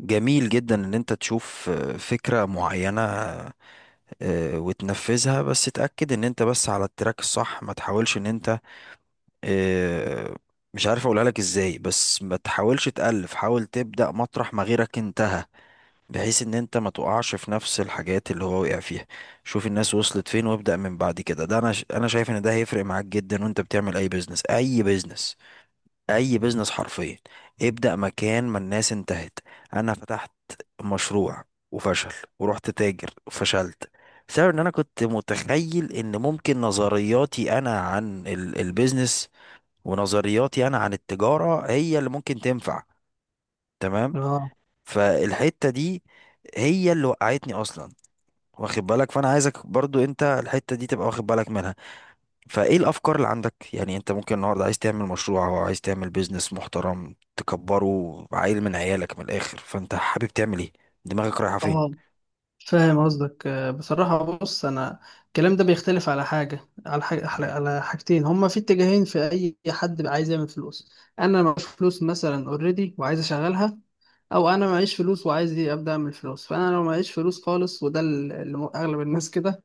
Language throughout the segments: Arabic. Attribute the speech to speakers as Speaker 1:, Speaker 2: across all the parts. Speaker 1: جميل جدا ان انت تشوف فكرة معينة وتنفذها، بس تأكد ان انت بس على التراك الصح، ما تحاولش ان انت آه، مش عارف اقولها لك ازاي، بس ما تحاولش تألف، حاول تبدأ مطرح ما غيرك انتهى، بحيث ان انت ما تقعش في نفس الحاجات اللي هو وقع فيها. شوف الناس وصلت فين وابدأ من بعد كده، ده انا شايف ان ده هيفرق معاك جدا وانت بتعمل اي بيزنس، اي بيزنس، اي بيزنس حرفيا. ابدأ مكان ما الناس انتهت. انا فتحت مشروع وفشل، ورحت تاجر وفشلت، بسبب ان انا كنت متخيل ان ممكن نظرياتي انا عن البيزنس، ونظرياتي انا عن التجارة هي اللي ممكن تنفع. تمام.
Speaker 2: اه
Speaker 1: فالحتة دي هي اللي وقعتني اصلا، واخد بالك؟ فانا عايزك برضو انت الحتة دي تبقى واخد بالك منها. فايه الافكار اللي عندك؟ يعني انت ممكن النهارده عايز تعمل مشروع او عايز تعمل بيزنس محترم تكبره عيل من عيالك، من الاخر فانت حابب تعمل ايه؟ دماغك رايحه فين؟
Speaker 2: اه، فاهم قصدك بصراحة. بص، أنا الكلام ده بيختلف على حاجة على حاجة على حاجتين، هما في اتجاهين. في أي حد بقى عايز يعمل فلوس، أنا معيش فلوس مثلا أوريدي وعايز أشغلها، أو أنا معيش فلوس وعايز أبدأ أعمل فلوس. فأنا لو معيش فلوس خالص، وده اللي أغلب الناس كده،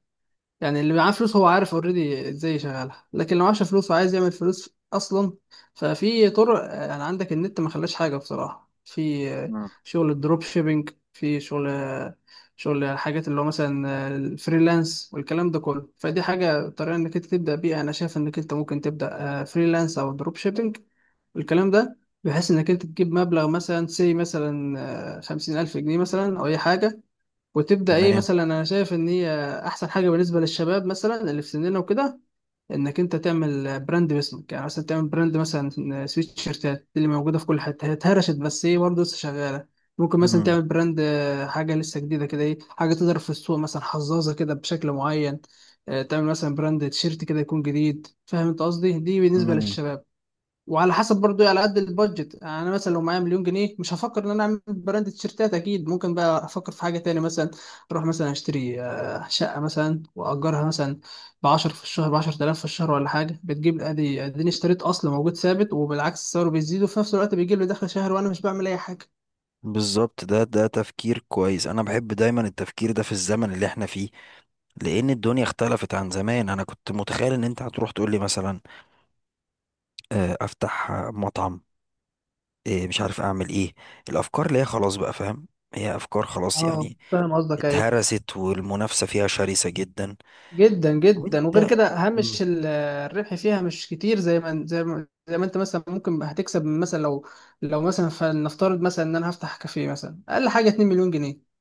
Speaker 2: يعني اللي معاه فلوس هو عارف اوريدي ازاي يشغلها، لكن لو معاش فلوس وعايز يعمل فلوس اصلا، ففي طرق يعني عندك النت ما خلاش حاجه بصراحه. في شغل الدروب شيبينج، في شغل شغل حاجات اللي هو مثلا الفريلانس والكلام ده كله. فدي حاجه، طريقه انك انت تبدا بيها، انا شايف انك انت ممكن تبدا فريلانس او دروب شيبينج والكلام ده، بحيث انك انت تجيب مبلغ مثلا سي مثلا خمسين الف جنيه مثلا او اي حاجه، وتبدا ايه.
Speaker 1: تمام.
Speaker 2: مثلا انا شايف ان هي احسن حاجه بالنسبه للشباب مثلا اللي في سننا وكده، انك انت تعمل براند باسمك، يعني مثلا تعمل براند مثلا سويت شيرتات. اللي موجوده في كل حته، هي اتهرشت، بس ايه، برضه لسه شغاله. ممكن مثلا
Speaker 1: مم.
Speaker 2: تعمل براند حاجه لسه جديده كده، ايه، حاجه تضرب في السوق، مثلا حظاظه كده بشكل معين. تعمل مثلا براند تيشيرت كده يكون جديد. فاهم انت قصدي؟ دي بالنسبه
Speaker 1: مم.
Speaker 2: للشباب. وعلى حسب برضو على قد البادجت، يعني انا مثلا لو معايا مليون جنيه مش هفكر ان انا اعمل براند تيشيرتات، اكيد ممكن بقى افكر في حاجه تانية. مثلا اروح مثلا اشتري شقه مثلا واجرها مثلا ب 10 في الشهر، ب 10,000 في الشهر ولا حاجه، بتجيب. ادي اديني اشتريت اصل موجود ثابت، وبالعكس سعره بيزيد، وفي نفس الوقت بيجيب لي دخل شهري وانا مش بعمل اي حاجه.
Speaker 1: بالظبط، ده تفكير كويس، انا بحب دايما التفكير ده في الزمن اللي احنا فيه، لان الدنيا اختلفت عن زمان. انا كنت متخيل ان انت هتروح تقول لي مثلا افتح مطعم، مش عارف اعمل ايه، الافكار اللي هي خلاص بقى، فاهم، هي افكار خلاص
Speaker 2: اه،
Speaker 1: يعني،
Speaker 2: فاهم قصدك، ايوه.
Speaker 1: اتهرست والمنافسه فيها شرسه جدا.
Speaker 2: جدا جدا. وغير
Speaker 1: وانت.
Speaker 2: كده
Speaker 1: مم.
Speaker 2: هامش الربح فيها مش كتير. زي ما انت مثلا ممكن هتكسب من مثلا لو لو فلنفترض مثلا ان انا هفتح كافيه مثلا، اقل حاجه 2 مليون جنيه.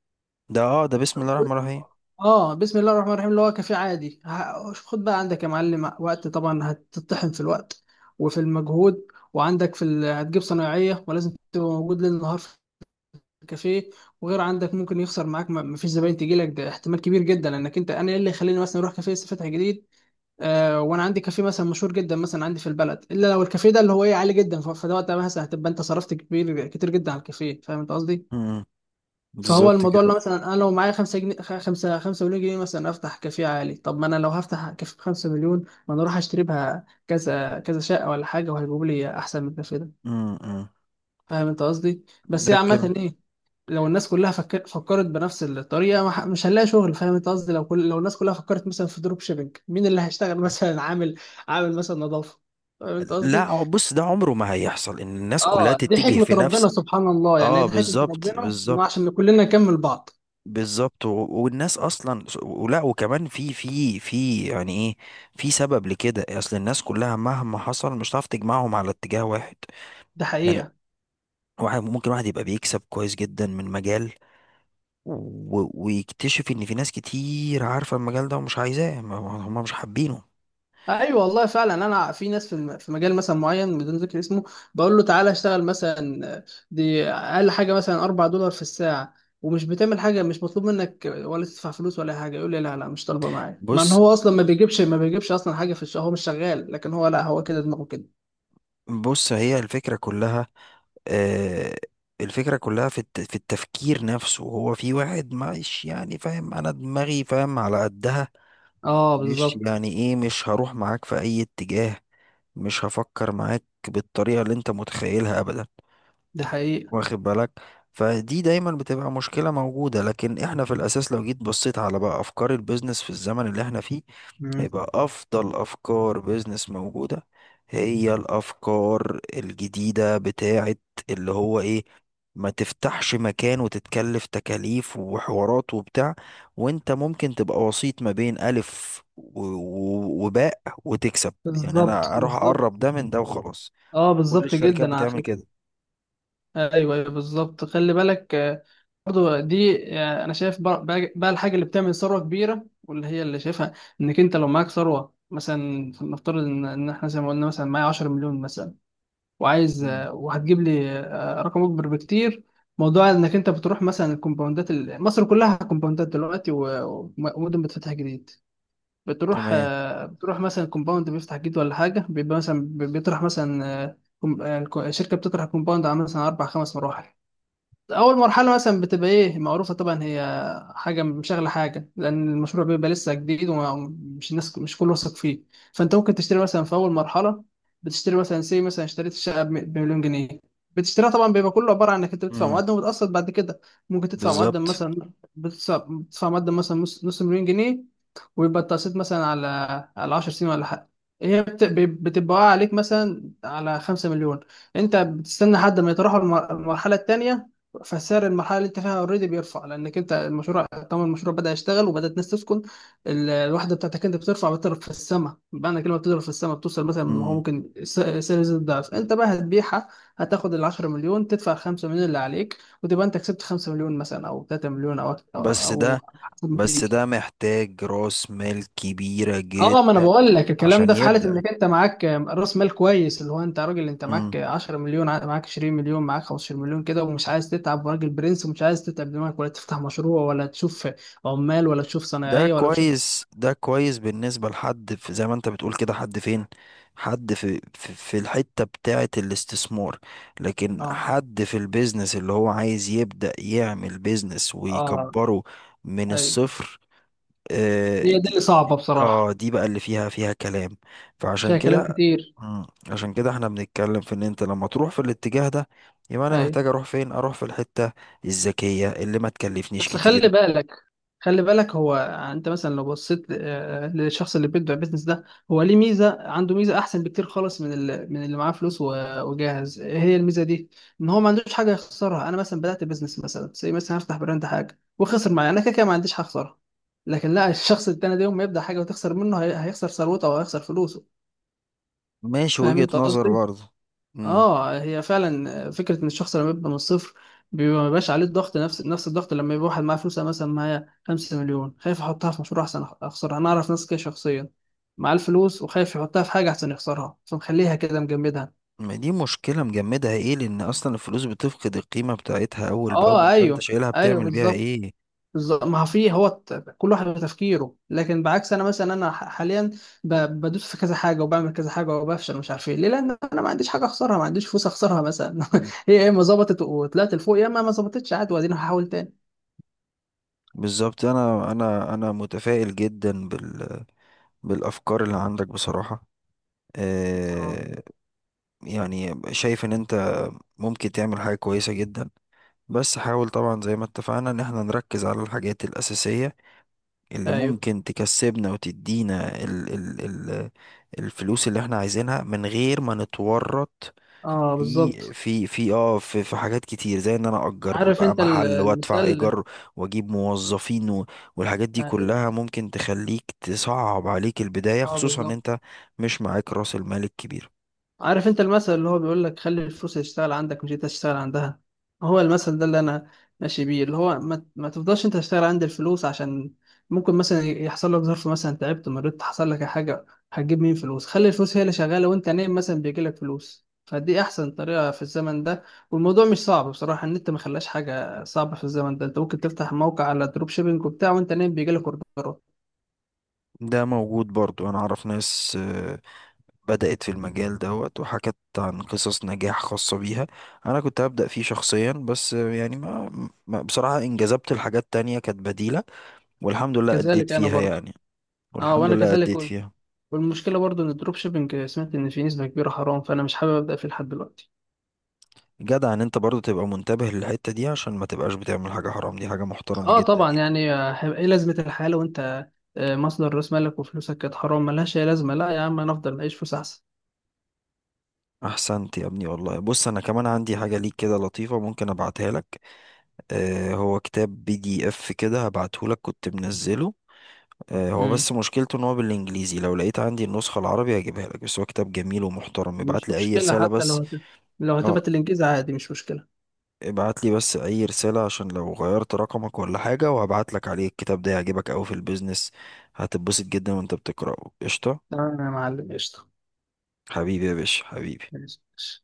Speaker 1: ده بسم الله الرحمن الرحيم.
Speaker 2: اه، بسم الله الرحمن الرحيم، اللي هو كافيه عادي. شوف، خد بقى عندك يا معلم، وقت طبعا هتطحن في الوقت وفي المجهود، وعندك في ال... هتجيب صنايعيه، ولازم تبقى موجود ليل نهار في الكافيه. وغير عندك ممكن يخسر معاك، ما فيش زباين تجي لك، ده احتمال كبير جدا. لانك انت، انا ايه اللي يخليني مثلا اروح كافيه لسه فاتح جديد وانا عندي كافيه مثلا مشهور جدا مثلا عندي في البلد، الا لو الكافيه ده اللي هو ايه، عالي جدا. فده وقتها مثلا هتبقى انت صرفت كبير، كتير جدا على الكافيه. فاهم انت قصدي؟
Speaker 1: مم.
Speaker 2: فهو
Speaker 1: بالظبط
Speaker 2: الموضوع،
Speaker 1: كده.
Speaker 2: اللي هو مثلا انا لو معايا 5 جنيه، 5 مليون جنيه مثلا، افتح كافيه عالي. طب ما انا لو هفتح كافيه ب 5 مليون، ما انا اروح اشتري بها كذا كذا شقه ولا حاجه، وهيجيبوا لي احسن من الكافيه ده.
Speaker 1: مم. مم.
Speaker 2: فاهم انت قصدي؟ بس
Speaker 1: ده
Speaker 2: هي
Speaker 1: كده.
Speaker 2: عامة، ايه، لو الناس كلها فكرت بنفس الطريقة، ما ح- مش هنلاقي شغل. فاهم انت قصدي؟ لو كل... لو الناس كلها فكرت مثلا في دروب شيبينج، مين اللي هيشتغل مثلا عامل مثلا نظافة. فاهم انت
Speaker 1: لا،
Speaker 2: قصدي؟
Speaker 1: هو بص، ده عمره ما هيحصل ان الناس كلها
Speaker 2: اه، دي
Speaker 1: تتجه
Speaker 2: حكمة
Speaker 1: في نفس.
Speaker 2: ربنا سبحان الله، يعني
Speaker 1: اه،
Speaker 2: دي حكمة
Speaker 1: بالظبط،
Speaker 2: ربنا انه
Speaker 1: بالظبط،
Speaker 2: عشان كلنا نكمل بعض.
Speaker 1: بالظبط، والناس اصلا ولا، وكمان في يعني ايه، في سبب لكده، اصل الناس كلها مهما حصل مش هتعرف تجمعهم على اتجاه واحد
Speaker 2: ده
Speaker 1: يعني.
Speaker 2: حقيقة.
Speaker 1: واحد ممكن واحد يبقى بيكسب كويس جدا من مجال، ويكتشف ان في ناس كتير عارفة المجال ده ومش عايزاه، هم مش حابينه.
Speaker 2: ايوه والله فعلا. انا في ناس في في مجال مثلا معين بدون ذكر اسمه، بقول له تعالى اشتغل مثلا، دي اقل حاجه مثلا 4 دولار في الساعه، ومش بتعمل حاجه، مش مطلوب منك ولا تدفع فلوس ولا حاجه، يقول لي لا لا مش طالبه، معايا. مع ان
Speaker 1: بص
Speaker 2: هو اصلا ما بيجيبش اصلا حاجه في الشهر، هو مش شغال، لكن هو لا، هو كده، دماغه كده.
Speaker 1: بص هي الفكرة كلها، آه الفكرة كلها في في التفكير نفسه، هو في واحد مش يعني فاهم، انا دماغي فاهم على قدها،
Speaker 2: اه
Speaker 1: مش
Speaker 2: بالظبط.
Speaker 1: يعني ايه، مش هروح معاك في اي اتجاه، مش هفكر معاك بالطريقة اللي انت متخيلها ابدا،
Speaker 2: دي حقيقه.
Speaker 1: واخد بالك؟ فدي دايما بتبقى مشكلة موجودة، لكن احنا في الاساس لو جيت بصيت على بقى افكار البيزنس في الزمن اللي احنا فيه،
Speaker 2: مم.
Speaker 1: يبقى افضل افكار بيزنس موجودة هي الافكار الجديدة بتاعت اللي هو ايه، ما تفتحش مكان وتتكلف تكاليف وحوارات وبتاع، وانت ممكن تبقى وسيط ما بين الف وباء، وتكسب. يعني
Speaker 2: بالظبط
Speaker 1: انا اروح
Speaker 2: بالظبط.
Speaker 1: اقرب ده من ده وخلاص،
Speaker 2: اه
Speaker 1: كل
Speaker 2: بالظبط
Speaker 1: الشركات
Speaker 2: جدا على
Speaker 1: بتعمل
Speaker 2: فكره.
Speaker 1: كده.
Speaker 2: ايوه ايوه بالظبط. خلي بالك برضو دي انا شايف بقى بقى الحاجه اللي بتعمل ثروه كبيره واللي هي اللي شايفها، انك انت لو معاك ثروه مثلا، نفترض ان احنا زي ما قلنا مثلا معايا 10 مليون مثلا، وعايز
Speaker 1: مم.
Speaker 2: وهتجيب لي رقم اكبر بكتير. موضوع انك انت بتروح مثلا الكومباوندات، مصر كلها كومباوندات دلوقتي، ومدن بتفتح جديد. بتروح
Speaker 1: تمام.
Speaker 2: بتروح مثلا كومباوند بيفتح جديد ولا حاجه، بيبقى مثلا بيطرح مثلا الشركه بتطرح كومباوند على مثلا اربع خمس مراحل. اول مرحله مثلا بتبقى ايه، معروفه طبعا هي حاجه مشغله حاجه، لان المشروع بيبقى لسه جديد ومش الناس مش كله واثق فيه. فانت ممكن تشتري مثلا في اول مرحله، بتشتري مثلا سي مثلا اشتريت الشقه بمليون جنيه، بتشتريها طبعا. بيبقى كله عباره عن انك انت بتدفع
Speaker 1: مم.
Speaker 2: مقدم وبتقسط بعد كده، ممكن تدفع مقدم
Speaker 1: بالظبط.
Speaker 2: مثلا، بتدفع مقدم مثلا نص مليون جنيه، ويبقى التقسيط مثلا على 10 سنين ولا حاجه. هي بتبقى واقعة عليك مثلا على 5 مليون. انت بتستنى لحد ما يتراوحوا المرحله الثانيه، فسعر المرحله اللي انت فيها اوريدي بيرفع، لانك انت المشروع طبعا، المشروع بدا يشتغل وبدات الناس تسكن. الوحده بتاعتك انت بترفع، بتضرب في السماء بمعنى كلمه، بتضرب في السماء، بتوصل مثلا، هو
Speaker 1: مم.
Speaker 2: ممكن سعر يزيد ضعف. انت بقى هتبيعها، هتاخد ال 10 مليون، تدفع 5 مليون اللي عليك، وتبقى انت كسبت 5 مليون مثلا او 3 مليون، او
Speaker 1: بس ده
Speaker 2: أو حسب ما
Speaker 1: بس
Speaker 2: تيجي.
Speaker 1: ده محتاج راس مال كبيرة
Speaker 2: اه، ما انا
Speaker 1: جدا
Speaker 2: بقول لك الكلام
Speaker 1: عشان
Speaker 2: ده في حاله
Speaker 1: يبدأ.
Speaker 2: انك انت معاك راس مال كويس، اللي هو انت راجل انت
Speaker 1: مم.
Speaker 2: معاك 10 مليون، معاك 20 مليون، معاك 15 مليون كده، ومش عايز تتعب، وراجل برنس ومش عايز تتعب دماغك، ولا تفتح مشروع ولا تشوف عمال ولا تشوف
Speaker 1: ده
Speaker 2: صنايعيه ولا تشوف.
Speaker 1: كويس، ده كويس بالنسبة لحد في، زي ما انت بتقول كده، حد فين؟ حد في في الحتة بتاعة الاستثمار، لكن
Speaker 2: اه
Speaker 1: حد في البيزنس اللي هو عايز يبدأ يعمل بيزنس
Speaker 2: اه
Speaker 1: ويكبره من
Speaker 2: ايوه.
Speaker 1: الصفر. آه
Speaker 2: هي دي اللي
Speaker 1: دي
Speaker 2: صعبه
Speaker 1: اه
Speaker 2: بصراحه.
Speaker 1: دي بقى اللي فيها كلام،
Speaker 2: مش
Speaker 1: فعشان
Speaker 2: هي كلام
Speaker 1: كده.
Speaker 2: كتير.
Speaker 1: مم، عشان كده احنا بنتكلم في ان انت لما تروح في الاتجاه ده، يبقى انا
Speaker 2: ايوه.
Speaker 1: محتاج اروح فين، اروح في الحتة الذكية اللي ما تكلفنيش
Speaker 2: بس خلي
Speaker 1: كتير.
Speaker 2: بالك، هو انت مثلا لو بصيت للشخص اللي بيبدأ بيزنس ده، هو ليه ميزة، عنده ميزة احسن بكتير خالص من من اللي معاه فلوس وجاهز. إيه هي الميزة دي؟ ان هو ما عندوش حاجة يخسرها. انا مثلا بدأت بيزنس مثلا، زي مثلا هفتح براند حاجة وخسر معايا، انا كده كده ما عنديش حاجة اخسرها. لكن لا، الشخص التاني ده يوم ما يبدأ حاجة وتخسر منه، هيخسر ثروته او هيخسر فلوسه.
Speaker 1: ماشي،
Speaker 2: فاهم
Speaker 1: وجهة
Speaker 2: انت
Speaker 1: نظر
Speaker 2: قصدي؟
Speaker 1: برضه. امم.
Speaker 2: اه، هي فعلا فكره، ان الشخص لما يبقى من الصفر بيبقى ما بيبقاش عليه الضغط، نفس الضغط لما يبقى واحد معاه فلوس. أنا مثلا معايا 5 مليون، خايف احطها في مشروع احسن اخسرها. انا اعرف ناس كده شخصيا معاه الفلوس، وخايف يحطها في حاجه احسن يخسرها، فمخليها كده، مجمدها.
Speaker 1: ما دي مشكلة مجمدها ايه، لان اصلا الفلوس بتفقد القيمة بتاعتها اول
Speaker 2: اه
Speaker 1: باول، فانت
Speaker 2: ايوه
Speaker 1: شايلها
Speaker 2: ايوه
Speaker 1: بتعمل بيها
Speaker 2: بالظبط.
Speaker 1: ايه؟
Speaker 2: بالظبط. ما هو في هو كل واحد بتفكيره. لكن بعكس انا مثلا، انا حاليا بدوس في كذا حاجه، وبعمل كذا حاجه، وبفشل مش عارف ايه ليه، لان انا ما عنديش حاجه اخسرها، ما عنديش فلوس اخسرها مثلا.
Speaker 1: مم.
Speaker 2: هي يا اما ظبطت وطلعت لفوق، يا اما ما ظبطتش عادي، وبعدين هحاول تاني.
Speaker 1: بالظبط، انا متفائل جدا بالافكار اللي عندك بصراحة.
Speaker 2: اه
Speaker 1: آه. يعني شايف ان انت ممكن تعمل حاجة كويسة جدا، بس حاول طبعا زي ما اتفقنا ان احنا نركز على الحاجات الاساسية اللي
Speaker 2: ايوه.
Speaker 1: ممكن تكسبنا وتدينا ال ال ال الفلوس اللي احنا عايزينها من غير ما نتورط
Speaker 2: اه
Speaker 1: في
Speaker 2: بالظبط.
Speaker 1: في في اه في, في حاجات كتير زي ان انا اجر
Speaker 2: عارف
Speaker 1: بقى
Speaker 2: انت
Speaker 1: محل وادفع
Speaker 2: المثال.
Speaker 1: ايجار واجيب موظفين والحاجات دي
Speaker 2: ايوه،
Speaker 1: كلها ممكن تخليك تصعب عليك البداية،
Speaker 2: اه
Speaker 1: خصوصا ان
Speaker 2: بالظبط.
Speaker 1: انت مش معاك راس المال الكبير.
Speaker 2: عارف انت المثل اللي هو بيقول لك: خلي الفلوس تشتغل عندك مش انت تشتغل عندها. هو المثل ده اللي انا ماشي بيه، اللي هو ما تفضلش انت تشتغل عند الفلوس، عشان ممكن مثلا يحصل لك ظرف مثلا، تعبت، مريت، حصل لك حاجة، هتجيب مين فلوس؟ خلي الفلوس هي اللي شغالة وانت نايم مثلا بيجي لك فلوس. فدي احسن طريقة في الزمن ده. والموضوع مش صعب بصراحة، ان انت ما خلاش حاجة صعبة في الزمن ده. انت ممكن تفتح موقع على دروب شيبينج وبتاع، وانت نايم بيجي لك اوردرات.
Speaker 1: ده موجود برضو، انا اعرف ناس بدأت في المجال دوت، وحكت عن قصص نجاح خاصة بيها، أنا كنت هبدأ فيه شخصيا، بس يعني ما, ما بصراحة انجذبت لحاجات تانية كانت بديلة، والحمد لله أديت
Speaker 2: كذلك انا
Speaker 1: فيها
Speaker 2: برضه.
Speaker 1: يعني،
Speaker 2: اه
Speaker 1: والحمد
Speaker 2: وانا
Speaker 1: لله
Speaker 2: كذلك.
Speaker 1: أديت فيها.
Speaker 2: والمشكله برضو ان الدروب شيبنج سمعت ان في نسبه كبيره حرام، فانا مش حابب ابدا فيه لحد دلوقتي.
Speaker 1: جدع إن أنت برضو تبقى منتبه للحتة دي عشان ما تبقاش بتعمل حاجة حرام، دي حاجة محترمة
Speaker 2: اه
Speaker 1: جدا
Speaker 2: طبعا،
Speaker 1: يعني.
Speaker 2: يعني هيبقى ايه لازمه الحياه لو انت مصدر راس مالك وفلوسك كانت حرام؟ ملهاش اي لازمه. لا يا عم، انا افضل اعيش فلوس احسن.
Speaker 1: أحسنت يا ابني والله. بص، أنا كمان عندي حاجة ليك كده لطيفة، ممكن أبعتها لك. آه، هو كتاب PDF كده، هبعته لك، كنت منزله. هو
Speaker 2: مم.
Speaker 1: بس مشكلته ان هو بالانجليزي، لو لقيت عندي النسخة العربي هجيبها لك، بس هو كتاب جميل ومحترم. ابعت
Speaker 2: مش
Speaker 1: لي اي
Speaker 2: مشكله.
Speaker 1: رسالة
Speaker 2: حتى لو
Speaker 1: بس.
Speaker 2: لو
Speaker 1: اه،
Speaker 2: هتبقى الانجاز عادي، مش مشكله.
Speaker 1: ابعت لي بس اي رسالة عشان لو غيرت رقمك ولا حاجة، وهبعت لك عليه. الكتاب ده هيعجبك قوي في البيزنس، هتتبسط جدا وانت بتقرأه قشطة.
Speaker 2: تمام يا معلم، قشطه.
Speaker 1: حبيبي يا باشا، حبيبي.
Speaker 2: ماشي.